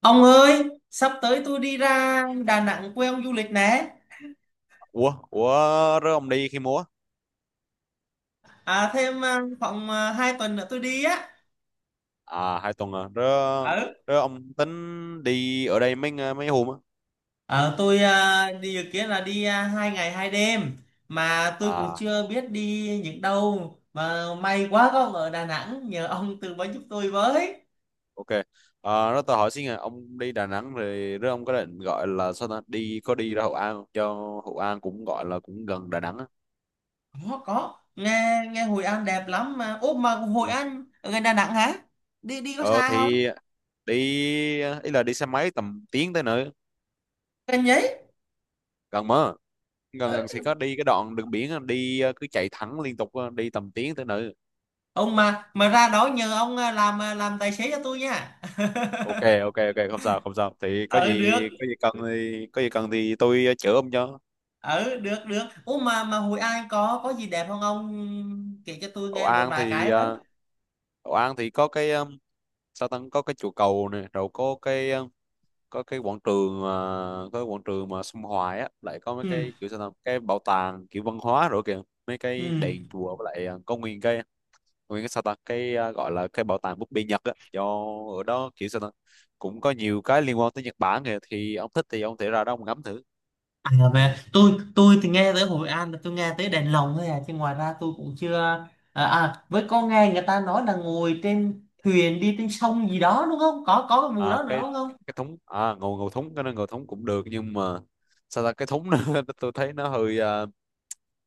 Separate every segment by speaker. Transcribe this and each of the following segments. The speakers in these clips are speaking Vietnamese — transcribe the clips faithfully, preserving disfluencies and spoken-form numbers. Speaker 1: Ông ơi, sắp tới tôi đi ra Đà Nẵng quê ông du lịch nè.
Speaker 2: Ủa, ủa, rớ ông đi khi múa?
Speaker 1: À, thêm à, khoảng à, hai tuần nữa tôi đi á.
Speaker 2: À, hai tuần à. Rớ,
Speaker 1: Ừ.
Speaker 2: rớ ông tính đi ở đây mấy ng- mấy hôm á?
Speaker 1: Ờ, tôi à, đi dự kiến là đi à, hai ngày hai đêm, mà tôi cũng
Speaker 2: À,
Speaker 1: chưa biết đi những đâu, mà may quá có ông ở Đà Nẵng nhờ ông tư vấn giúp tôi với.
Speaker 2: ok. À, rớ tao hỏi xin à, ông đi Đà Nẵng rồi rớ ông có định gọi là sao ta? Đi, có đi ra Hội An không? Cho Hội An cũng gọi là cũng gần Đà Nẵng á.
Speaker 1: Có có, nghe nghe Hội An đẹp lắm mà. Ủa mà Hội
Speaker 2: Ừ.
Speaker 1: An ở gần Đà Nẵng hả? Đi đi có
Speaker 2: Ờ,
Speaker 1: xa không?
Speaker 2: thì đi, ý là đi xe máy tầm tiếng tới nữa.
Speaker 1: Gần giấy.
Speaker 2: Gần mà. Gần gần thì có đi cái đoạn đường biển á, đi ờ, cứ chạy thẳng liên tục á, đi tầm tiếng tới nữa.
Speaker 1: Ông mà mà ra đó nhờ ông à, làm à, làm tài xế cho tôi nha.
Speaker 2: Ok, ok, ok, không sao, không sao, thì có
Speaker 1: ở
Speaker 2: gì
Speaker 1: được
Speaker 2: có gì cần thì có gì cần thì tôi ờ, chữa ông cho.
Speaker 1: ở được được, ủa mà mà Hội An có có gì đẹp không ông, kể cho tôi
Speaker 2: Hậu
Speaker 1: nghe một
Speaker 2: An
Speaker 1: vài
Speaker 2: thì
Speaker 1: cái với.
Speaker 2: ờ, Hậu An thì có cái ờ, sao ta, có cái chùa cầu này, rồi có cái ờ, có cái quảng trường mà có cái quảng trường mà sông Hoài á, lại có mấy
Speaker 1: Ừ.
Speaker 2: cái kiểu sao ta, cái bảo tàng kiểu văn hóa rồi kìa, mấy
Speaker 1: Ừ.
Speaker 2: cái đền chùa, với lại ờ, có nguyên cái nguyên cái sao ta cái ờ, gọi là cái bảo tàng búp bê Nhật á, do ở đó kiểu sao ta cũng có nhiều cái liên quan tới Nhật Bản kìa, thì ông thích thì ông thể ra đó ông ngắm thử.
Speaker 1: À về tôi tôi thì nghe tới Hội An là tôi nghe tới đèn lồng thôi à, chứ ngoài ra tôi cũng chưa. À, à với có nghe người ta nói là ngồi trên thuyền đi trên sông gì đó đúng không, có có cái vụ
Speaker 2: à,
Speaker 1: đó nữa
Speaker 2: cái
Speaker 1: đúng không?
Speaker 2: cái thúng, à, ngầu ngầu thúng, cái nó ngầu thúng cũng được, nhưng mà sao ta cái thúng nó tôi thấy nó hơi à,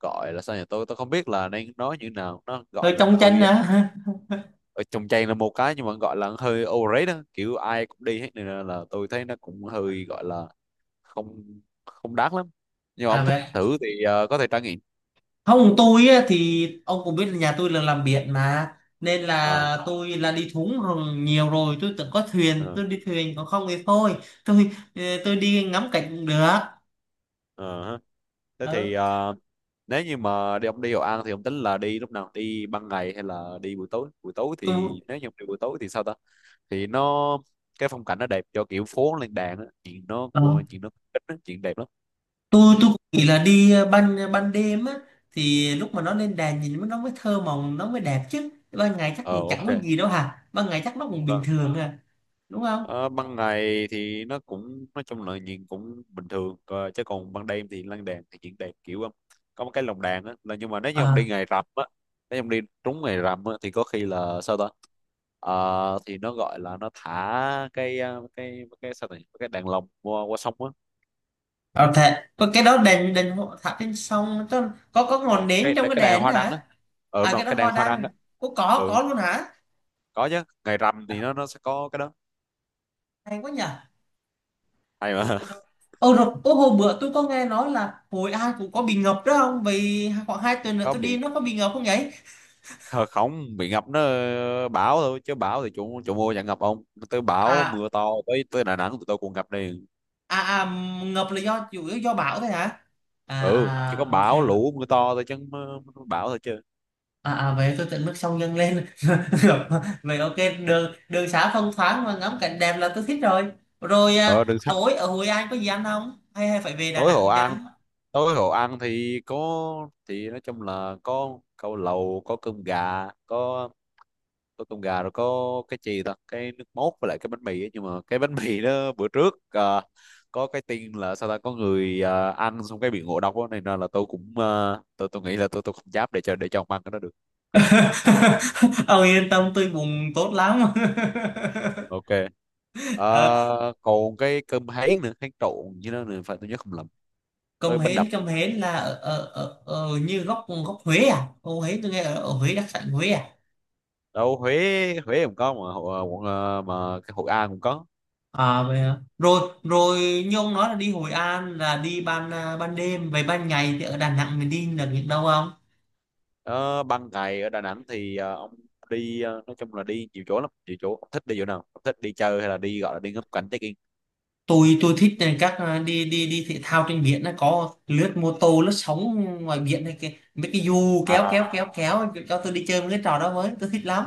Speaker 2: gọi là sao nhỉ, tôi tôi không biết là đang nói như nào, nó gọi
Speaker 1: Rồi
Speaker 2: là
Speaker 1: trong tranh
Speaker 2: hơi à,
Speaker 1: à.
Speaker 2: ở trong trang là một cái, nhưng mà gọi là hơi overrated đó. Kiểu ai cũng đi hết, nên là là tôi thấy nó cũng hơi gọi là không không đáng lắm, nhưng mà
Speaker 1: À
Speaker 2: ông thích
Speaker 1: vậy.
Speaker 2: thử thì à, có thể trải nghiệm.
Speaker 1: Không, tôi á, thì ông cũng biết là nhà tôi là làm biển mà, nên
Speaker 2: Ờ,
Speaker 1: là tôi là đi thúng rồi nhiều rồi, tôi từng có thuyền,
Speaker 2: ờ,
Speaker 1: tôi đi thuyền còn không thì thôi. Tôi ờ, tôi đi ngắm cảnh cũng được.
Speaker 2: ờ ha. Thế
Speaker 1: Ừ.
Speaker 2: thì à, nếu như mà đi, ông đi Hội An thì ông tính là đi lúc nào? Đi ban ngày hay là đi buổi tối? Buổi tối
Speaker 1: Tôi
Speaker 2: thì nếu như ông đi buổi tối thì sao ta, thì nó cái phong cảnh nó đẹp, cho kiểu phố lên đàn á, chuyện nó
Speaker 1: ờ,
Speaker 2: của chuyện nó ít á, chuyện đẹp lắm.
Speaker 1: tôi tôi cũng nghĩ là đi ban ban đêm á, thì lúc mà nó lên đèn nhìn nó mới thơ mộng nó mới đẹp, chứ ban ngày chắc
Speaker 2: Ờ,
Speaker 1: cũng
Speaker 2: ok.
Speaker 1: chẳng có gì đâu hả, ban ngày chắc nó cũng bình
Speaker 2: Vâng.
Speaker 1: thường à, đúng không?
Speaker 2: Ờ, ban ngày thì nó cũng nói chung là nhìn cũng bình thường. Ờ, chứ còn ban đêm thì lan đàn thì chuyện đẹp, kiểu um, có một cái lồng đàn á, là nhưng mà nếu như ông đi ngày rằm á nếu như ông đi trúng ngày rằm á thì có khi là sao ta. Ờ, thì nó gọi là nó thả cái uh, cái cái sao này, cái đàn lồng qua, qua sông á.
Speaker 1: Ờ thế, có cái đó đèn đèn hộ thả trên sông, tức là có có ngọn
Speaker 2: Ờ,
Speaker 1: nến
Speaker 2: cái
Speaker 1: trong cái
Speaker 2: cái đàn
Speaker 1: đèn
Speaker 2: hoa
Speaker 1: đó
Speaker 2: đăng á.
Speaker 1: hả?
Speaker 2: Ờ, đúng
Speaker 1: À
Speaker 2: rồi,
Speaker 1: cái đó
Speaker 2: cái đàn
Speaker 1: hoa
Speaker 2: hoa đăng
Speaker 1: đăng.
Speaker 2: á.
Speaker 1: Có có
Speaker 2: Ừ,
Speaker 1: có luôn hả?
Speaker 2: có chứ, ngày rằm thì nó nó sẽ có cái đó.
Speaker 1: Hay quá nhỉ.
Speaker 2: Hay
Speaker 1: Rồi
Speaker 2: mà.
Speaker 1: rồi. Ờ rồi, ô hồi bữa tôi có nghe nói là Hội An cũng có bị ngập đó không? Vì khoảng hai tuần nữa
Speaker 2: Có
Speaker 1: tôi đi
Speaker 2: bị,
Speaker 1: nó có bị ngập không vậy?
Speaker 2: kh- không bị ngập, nó ờ, bão thôi, chứ bão thì chủ chủ mua chẳng ngập ông. Tới bão
Speaker 1: À
Speaker 2: mưa to, tới tới Đà Nẵng tụi tôi cũng ngập đi.
Speaker 1: à à, ngập là do chủ yếu do bão thôi hả? À
Speaker 2: Ừ, chỉ có
Speaker 1: à ok.
Speaker 2: bão lũ mưa to thôi chứ không, ờ, bão thôi chứ.
Speaker 1: À, à vậy tôi tận mức sông dâng lên. Vậy ok, đường đường xá thông thoáng và ngắm cảnh đẹp là tôi thích rồi. Rồi
Speaker 2: Ờ
Speaker 1: à,
Speaker 2: đừng xa,
Speaker 1: tối ở Hội An có gì ăn không hay hay phải về Đà
Speaker 2: tối
Speaker 1: Nẵng
Speaker 2: Hội
Speaker 1: mới
Speaker 2: An
Speaker 1: ăn?
Speaker 2: tối Hội An thì có, thì nói chung là có câu lầu, có cơm gà, có có cơm gà, rồi có cái gì ta, cái nước mốt, với lại cái bánh mì ấy. Nhưng mà cái bánh mì đó, bữa trước ờ, có cái tin là sao ta, có người ờ, ăn xong cái bị ngộ độc đó, này nên là tôi cũng ờ, tôi tôi nghĩ là tôi tôi không dám để cho để cho ông ăn cái đó được.
Speaker 1: Ông yên tâm tôi bụng tốt lắm.
Speaker 2: Ok.
Speaker 1: Ờ,
Speaker 2: Ờ, còn cái cơm háy nữa, háy trộn như đó nữa, phải tôi nhớ không lầm, với
Speaker 1: cơm
Speaker 2: bánh đập
Speaker 1: hến cơm hến là ở, ở, ở, ở như góc góc Huế à, ô Huế tôi nghe ở, ở Huế đặc sản Huế à.
Speaker 2: đâu. Huế Huế cũng có mà, Hội- à, quận ờ, mà cái Hội An cũng có.
Speaker 1: À vậy hả, rồi rồi, như ông nói là đi Hội An là đi ban à, ban đêm, vậy ban ngày thì ở Đà Nẵng mình đi được những đâu không?
Speaker 2: Ờ, ban ngày ở Đà Nẵng thì ờ, ông đi ờ, nói chung là đi nhiều chỗ lắm, nhiều chỗ ông thích đi chỗ nào ông thích đi chơi hay là đi, gọi là đi ngắm cảnh check in.
Speaker 1: Tôi tôi thích các ờ, đi đi đi thể thao trên biển, nó có lướt mô tô lướt sóng ngoài biển này, cái mấy cái dù kéo kéo
Speaker 2: à,
Speaker 1: kéo kéo cho tôi đi chơi mấy cái trò đó, mới tôi thích lắm.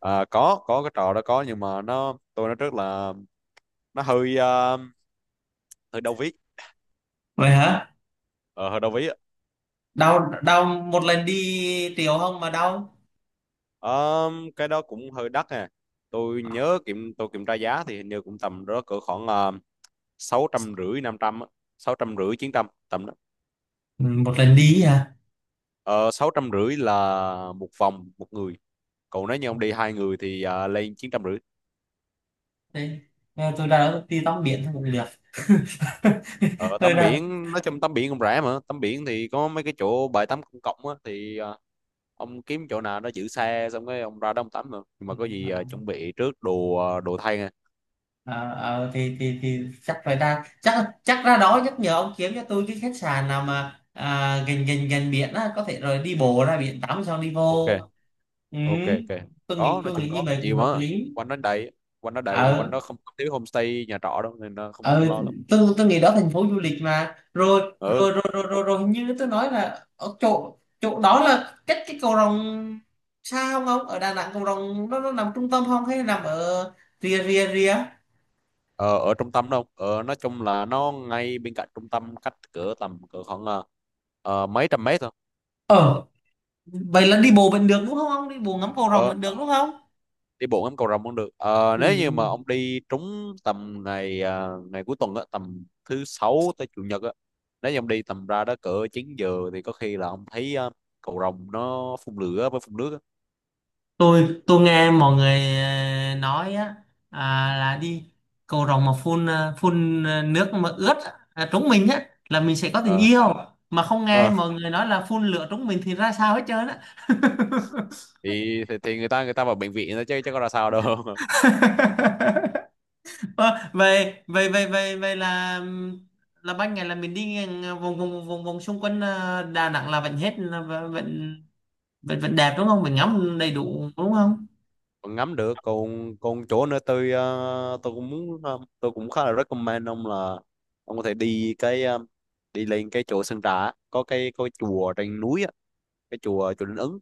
Speaker 2: à, có có cái trò đó có, nhưng mà nó tôi nói trước là nó hơi ờ, hơi đau ví
Speaker 1: Vậy hả,
Speaker 2: ờ, hơi đau ví á.
Speaker 1: đau đau một lần đi triệu không mà đau?
Speaker 2: Ờ, cái đó cũng hơi đắt nè. Tôi nhớ kiểm tôi kiểm tra giá thì hình như cũng tầm đó, cỡ khoảng ờ, sáu trăm rưỡi, năm trăm, sáu trăm rưỡi, chín trăm tầm đó.
Speaker 1: Ừ, một lần đi hả?
Speaker 2: Ờ, sáu trăm rưỡi là một vòng một người. Còn nếu như ông đi hai người thì ờ, lên chín trăm rưỡi.
Speaker 1: Thế, ờ, tôi đã đi tắm biển thôi cũng được.
Speaker 2: Ờ,
Speaker 1: Tôi
Speaker 2: tắm
Speaker 1: ra
Speaker 2: biển nói chung tắm biển cũng rẻ mà. Tắm biển thì có mấy cái chỗ bãi tắm công cộng á, thì ờ, ông kiếm chỗ nào nó giữ xe, xong cái ông ra đó ông tắm mà. Nhưng mà có gì ờ,
Speaker 1: đó.
Speaker 2: chuẩn bị trước đồ, ờ, đồ thay nha.
Speaker 1: Ờ ờ, thì thì thì chắc phải ra, chắc chắc ra đó nhắc nhở ông kiếm cho tôi cái khách sạn nào mà à, gần gần gần biển á, có thể rồi đi bộ ra biển tắm xong đi
Speaker 2: Ok,
Speaker 1: vô. Ừ.
Speaker 2: ok, ok.
Speaker 1: tôi nghĩ
Speaker 2: Có nói
Speaker 1: tôi nghĩ
Speaker 2: chung
Speaker 1: như
Speaker 2: có
Speaker 1: vậy cũng
Speaker 2: nhiều
Speaker 1: hợp
Speaker 2: mà,
Speaker 1: lý.
Speaker 2: quanh đó đầy quanh đó đầy, quanh
Speaker 1: Ờ.
Speaker 2: đó không có thiếu homestay nhà trọ đâu, nên là không, không
Speaker 1: Ờ.
Speaker 2: lo lắm.
Speaker 1: tôi tôi nghĩ đó thành phố du lịch mà, rồi
Speaker 2: Ừ.
Speaker 1: rồi rồi rồi rồi, rồi hình như tôi nói là ở chỗ chỗ đó là cách cái cầu Rồng xa không, ông ở Đà Nẵng cầu Rồng nó nó nằm trung tâm không hay nằm ở rìa rìa rìa?
Speaker 2: Ờ, ở trung tâm đâu. ờ, nói chung là nó ngay bên cạnh trung tâm, cách cỡ tầm, cỡ khoảng ờ, ờ, mấy trăm mét thôi.
Speaker 1: Ờ vậy là đi bộ vẫn được đúng không, đi bộ ngắm cầu rồng
Speaker 2: Ờ,
Speaker 1: vẫn được đúng không?
Speaker 2: đi bộ ngắm cầu Rồng cũng được. Ờ,
Speaker 1: Ừ.
Speaker 2: nếu như mà ông đi trúng tầm ngày à, ngày cuối tuần á, tầm thứ sáu tới chủ nhật á. Nếu như ông đi tầm ra đó cỡ chín giờ thì có khi là ông thấy à, cầu Rồng nó phun lửa với phun nước á.
Speaker 1: tôi tôi nghe mọi người ờ, nói á, à, là đi cầu rồng mà phun ờ, phun ờ, nước mà ướt á, à, trúng mình á là mình sẽ có tình
Speaker 2: Ờ.
Speaker 1: yêu, mà không nghe
Speaker 2: Ờ,
Speaker 1: mọi người nói là phun lửa trúng mình thì ra sao hết trơn á.
Speaker 2: thì, thì thì người ta người ta vào bệnh viện thôi, chứ chứ có ra sao đâu.
Speaker 1: Ờ, vậy vậy vậy vậy vậy là ừm, là ban ngày là mình đi ngang, ờ, vòng vòng vòng vòng xung quanh ờ, Đà Nẵng là vẫn hết là vẫn vẫn vẫn vẫn đẹp đúng không, mình ngắm đầy đủ đúng không?
Speaker 2: Còn ngắm được, còn còn chỗ nữa. Tôi ờ, tôi cũng muốn, ờ, tôi cũng khá là recommend ông là ông có thể đi cái ờ, đi lên cái chỗ Sơn Trà á. Có cái, có cái chùa trên núi á, cái chùa chùa Linh Ứng.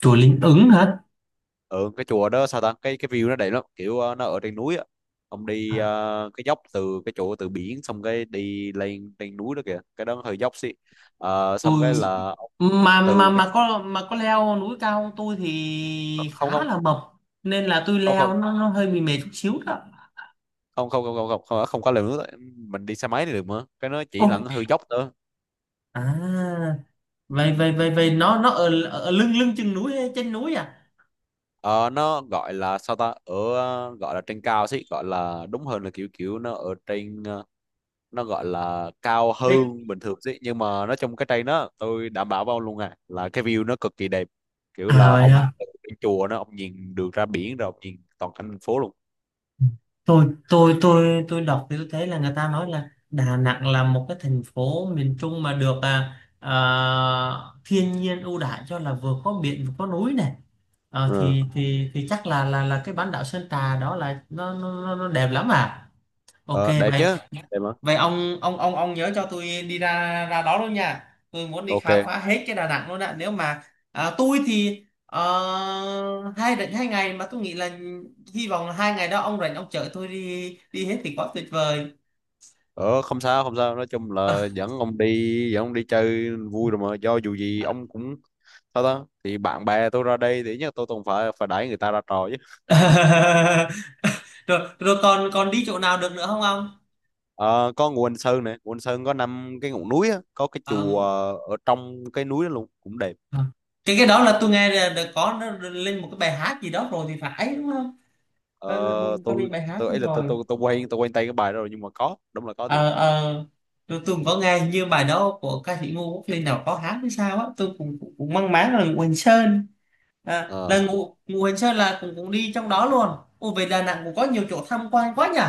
Speaker 1: Chùa Linh Ứng hả?
Speaker 2: Ừ, cái chùa đó sao ta, cái cái view nó đẹp lắm kiểu, ờ, nó ở trên núi á. Ông đi
Speaker 1: À
Speaker 2: ờ, cái dốc từ cái chỗ từ biển, xong cái đi lên trên núi đó kìa, cái đó hơi dốc xí. Ờ, xong
Speaker 1: tôi
Speaker 2: cái là
Speaker 1: mà mà
Speaker 2: từ cái,
Speaker 1: mà có mà có leo núi cao không, tôi thì
Speaker 2: không,
Speaker 1: khá
Speaker 2: không,
Speaker 1: là mập nên là tôi
Speaker 2: không,
Speaker 1: leo
Speaker 2: không,
Speaker 1: nó, nó hơi bị mệt chút xíu đó.
Speaker 2: không, không, không, không, không, không, không có leo núi đó. Mình đi xe máy thì được, mà cái nó chỉ là
Speaker 1: Ôi
Speaker 2: hơi dốc thôi.
Speaker 1: à, vậy vậy vậy vậy nó nó ở, ở lưng lưng chừng núi hay trên núi à?
Speaker 2: Ờ, nó gọi là sao ta, ở ờ, gọi là trên cao xí, gọi là đúng hơn là kiểu kiểu nó ở trên, ờ, nó gọi là cao
Speaker 1: Thế-
Speaker 2: hơn bình thường chứ. Nhưng mà nó trong cái cây đó, tôi đảm bảo với ông luôn à, là cái view nó cực kỳ đẹp. Kiểu
Speaker 1: à
Speaker 2: là
Speaker 1: vậy
Speaker 2: ông
Speaker 1: hả,
Speaker 2: từ trên chùa, nó ông nhìn được ra biển, rồi ông nhìn toàn cảnh thành phố luôn.
Speaker 1: tôi tôi tôi tôi đọc thì tôi thấy là người ta nói là Đà Nẵng là một cái thành phố miền Trung mà được à, à, thiên nhiên ưu đãi cho là vừa có biển vừa có núi này. Ờ,
Speaker 2: Ừ.
Speaker 1: thì thì thì chắc là là là cái bán đảo Sơn Trà đó là nó nó nó nó đẹp lắm à. Ok
Speaker 2: Ờ, đẹp chứ,
Speaker 1: vậy.
Speaker 2: đẹp mà.
Speaker 1: Vậy ông ông ông ông nhớ cho tôi đi ra ra đó luôn nha. Tôi muốn đi khám
Speaker 2: Ok.
Speaker 1: phá hết cái Đà Nẵng luôn ạ. Nếu mà à, tôi thì ờ, hai rảnh hai ngày mà tôi nghĩ là hy vọng là hai ngày đó ông rảnh ông chở tôi đi đi hết thì quá tuyệt vời.
Speaker 2: Ờ, không sao, không sao. Nói chung là dẫn ông đi dẫn ông đi chơi vui rồi mà, do dù gì ông cũng sao ta. Thì bạn bè tôi ra đây thì nhất, tôi cũng phải phải đẩy người ta ra trò chứ.
Speaker 1: Rồi rồi, còn còn đi chỗ nào được nữa không ông?
Speaker 2: Ờ, có Ngũ Hành Sơn này, Ngũ Hành Sơn có năm cái ngọn núi á, có cái chùa
Speaker 1: Ờ.
Speaker 2: ở trong cái núi đó luôn, cũng đẹp.
Speaker 1: Ờ. Cái cái đó là tôi nghe là là có nó lên một cái bài hát gì đó rồi thì phải đúng không?
Speaker 2: Ờ,
Speaker 1: Có, có lên
Speaker 2: tôi
Speaker 1: bài hát
Speaker 2: tôi
Speaker 1: đúng
Speaker 2: ấy là tôi
Speaker 1: rồi.
Speaker 2: tôi tôi quen tôi quen tay cái bài đó rồi, nhưng mà có đúng là có thiệt.
Speaker 1: Ờ ờ, tôi, tôi cũng có nghe như bài đó của ca sĩ Ngô Quốc Linh nào có hát hay sao á, tôi cũng cũng, cũng mang máng là Ngụ Hành Sơn. À, là
Speaker 2: Ờ,
Speaker 1: Ngụ Ngụ Hành Sơn là cũng cũng đi trong đó luôn. Ồ về Đà Nẵng cũng có nhiều chỗ tham quan quá nhỉ?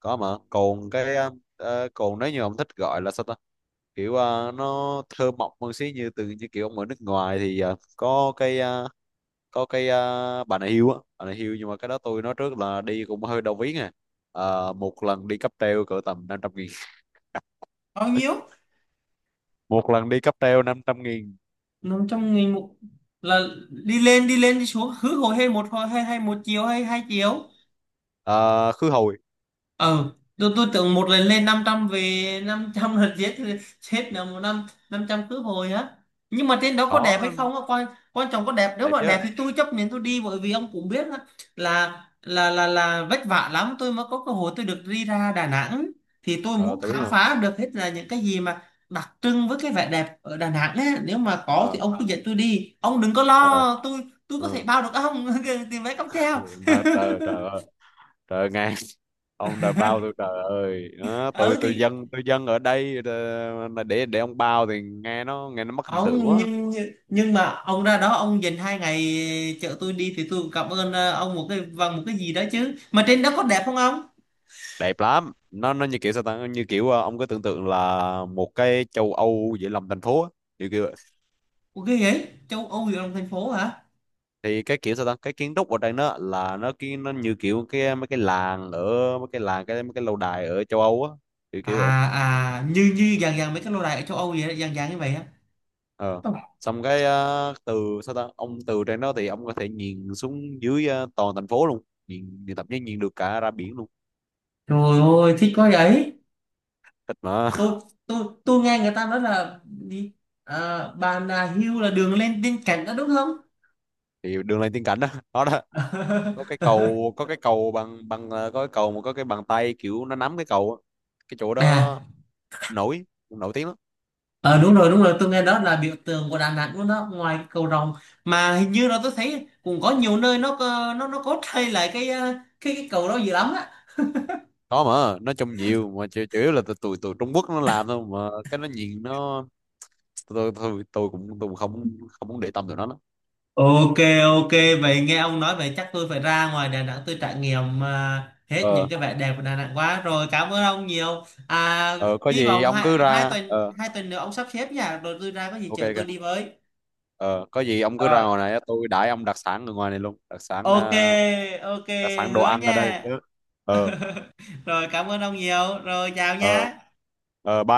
Speaker 2: có mà, còn cái ờ, ờ, còn nếu như ông thích gọi là sao ta, kiểu ờ, nó thơ mộng hơn xí. Như từ như kiểu ông ở nước ngoài thì ờ, có cái ờ, có cái ờ, bà này hiêu á bà này hiêu. Nhưng mà cái đó tôi nói trước là đi cũng hơi đau ví à. Ờ, một lần đi cáp treo cỡ tầm năm trăm nghìn.
Speaker 1: Bao nhiêu?
Speaker 2: Một lần đi cáp treo năm trăm nghìn.
Speaker 1: Nằm trong người một là đi lên đi lên đi xuống cứ hồi hay một hồi hay hay một chiều hay hai chiều?
Speaker 2: Ờ, khứ hồi.
Speaker 1: Ờ tôi, tôi tưởng một lần lên năm trăm về năm trăm lần giết chết là một năm năm trăm cướp hồi á, nhưng mà trên đó có đẹp hay
Speaker 2: Khó.
Speaker 1: không á quan, quan trọng có đẹp, nếu
Speaker 2: Đẹp
Speaker 1: mà đẹp
Speaker 2: chứ.
Speaker 1: thì tôi chấp nhận tôi đi, bởi vì ông cũng biết á, là là là là vất vả lắm tôi mới có cơ hội tôi được đi ra Đà Nẵng, thì tôi
Speaker 2: Ờ,
Speaker 1: muốn
Speaker 2: tôi biết
Speaker 1: khám
Speaker 2: mà.
Speaker 1: phá được hết là những cái gì mà đặc trưng với cái vẻ đẹp ở Đà Nẵng ấy. Nếu mà có thì
Speaker 2: Ờ.
Speaker 1: ông cứ dẫn tôi đi, ông đừng có
Speaker 2: Ờ.
Speaker 1: lo tôi tôi có thể
Speaker 2: Ờ.
Speaker 1: bao được ông tiền vé cáp treo.
Speaker 2: Mà trời, trời ơi, trời ngàn. Ông đã bao tôi, trời ơi nó, tôi
Speaker 1: Ừ
Speaker 2: tôi
Speaker 1: thì
Speaker 2: dân tôi dân ở đây. ờ, để để ông bao thì nghe nó, nghe nó mất hình tượng
Speaker 1: ông
Speaker 2: quá.
Speaker 1: nhưng nhưng mà ông ra đó ông dành hai ngày chở tôi đi thì tôi cũng cảm ơn ờ, ông một cái bằng một cái gì đó chứ, mà trên đó có đẹp không ông?
Speaker 2: Đẹp lắm. Nó nó như kiểu sao ta, như kiểu ờ, ông cứ tưởng tượng là một cái châu Âu giữa lòng thành phố á, kiểu kiểu vậy.
Speaker 1: Ok vậy châu Âu gì trong thành phố hả?
Speaker 2: Thì cái kiểu sao ta, cái kiến trúc ở đây nó là, nó cái nó như kiểu cái mấy cái làng ở mấy cái làng cái mấy cái lâu đài ở châu Âu á, kiểu
Speaker 1: À
Speaker 2: kiểu vậy.
Speaker 1: à, như như dạng dạng mấy cái lâu đài ở châu Âu vậy đó, dạng dạng như vậy á.
Speaker 2: Ờ,
Speaker 1: Ôi,
Speaker 2: xong cái ờ, từ sao ta, ông từ trên đó thì ông có thể nhìn xuống dưới, ờ, toàn thành phố luôn, nhìn, nhìn thậm chí nhìn được cả ra biển luôn.
Speaker 1: trời ơi thích quá vậy!
Speaker 2: Thích mà.
Speaker 1: Tôi tôi tôi nghe người ta nói là đi à, Bà Nà Hills là đường lên trên cảnh đó đúng không?
Speaker 2: Thì đường lên tiên cảnh đó. Đó. Đó. Có cái cầu có cái cầu bằng bằng ờ, có cái cầu mà có cái bàn tay kiểu nó nắm cái cầu á. Cái chỗ
Speaker 1: À.
Speaker 2: đó nổi nổi tiếng lắm.
Speaker 1: Ờ đúng rồi đúng rồi, tôi nghe đó là biểu tượng của Đà Nẵng luôn đó, ngoài cái cầu rồng, mà hình như là tôi thấy cũng có nhiều nơi nó có- nó nó có thay lại cái ờ, cái cái cầu đó dữ lắm á.
Speaker 2: Có mà, nói chung nhiều mà, chủ, chủ yếu là tụi tụi tụi Trung Quốc nó làm thôi mà, cái nó nhìn nó. Tôi tôi tôi cũng tôi cũng không không muốn để tâm tụi nó lắm.
Speaker 1: Ok, ok vậy nghe ông nói vậy chắc tôi phải ra ngoài Đà Nẵng tôi trải nghiệm ờ, hết
Speaker 2: Ờ.
Speaker 1: những cái vẻ đẹp của Đà Nẵng quá rồi, cảm ơn ông nhiều. À
Speaker 2: Ờ, có
Speaker 1: hy
Speaker 2: gì
Speaker 1: vọng
Speaker 2: ông
Speaker 1: hai,
Speaker 2: cứ
Speaker 1: hai
Speaker 2: ra.
Speaker 1: tuần
Speaker 2: Ờ.
Speaker 1: hai tuần nữa ông sắp xếp nha, rồi tôi ra có gì
Speaker 2: Ok,
Speaker 1: chở tôi
Speaker 2: ok.
Speaker 1: đi với.
Speaker 2: Ờ, có gì ông cứ ra
Speaker 1: Rồi
Speaker 2: ngoài này, tôi đãi ông đặc sản ở ngoài này luôn. Đặc sản
Speaker 1: ok
Speaker 2: ờ,
Speaker 1: ok
Speaker 2: đặc sản đồ
Speaker 1: hứa
Speaker 2: ăn ở
Speaker 1: nha.
Speaker 2: đây. Ờ.
Speaker 1: Rồi cảm ơn ông nhiều, rồi chào
Speaker 2: Ờ.
Speaker 1: nha.
Speaker 2: Ờ.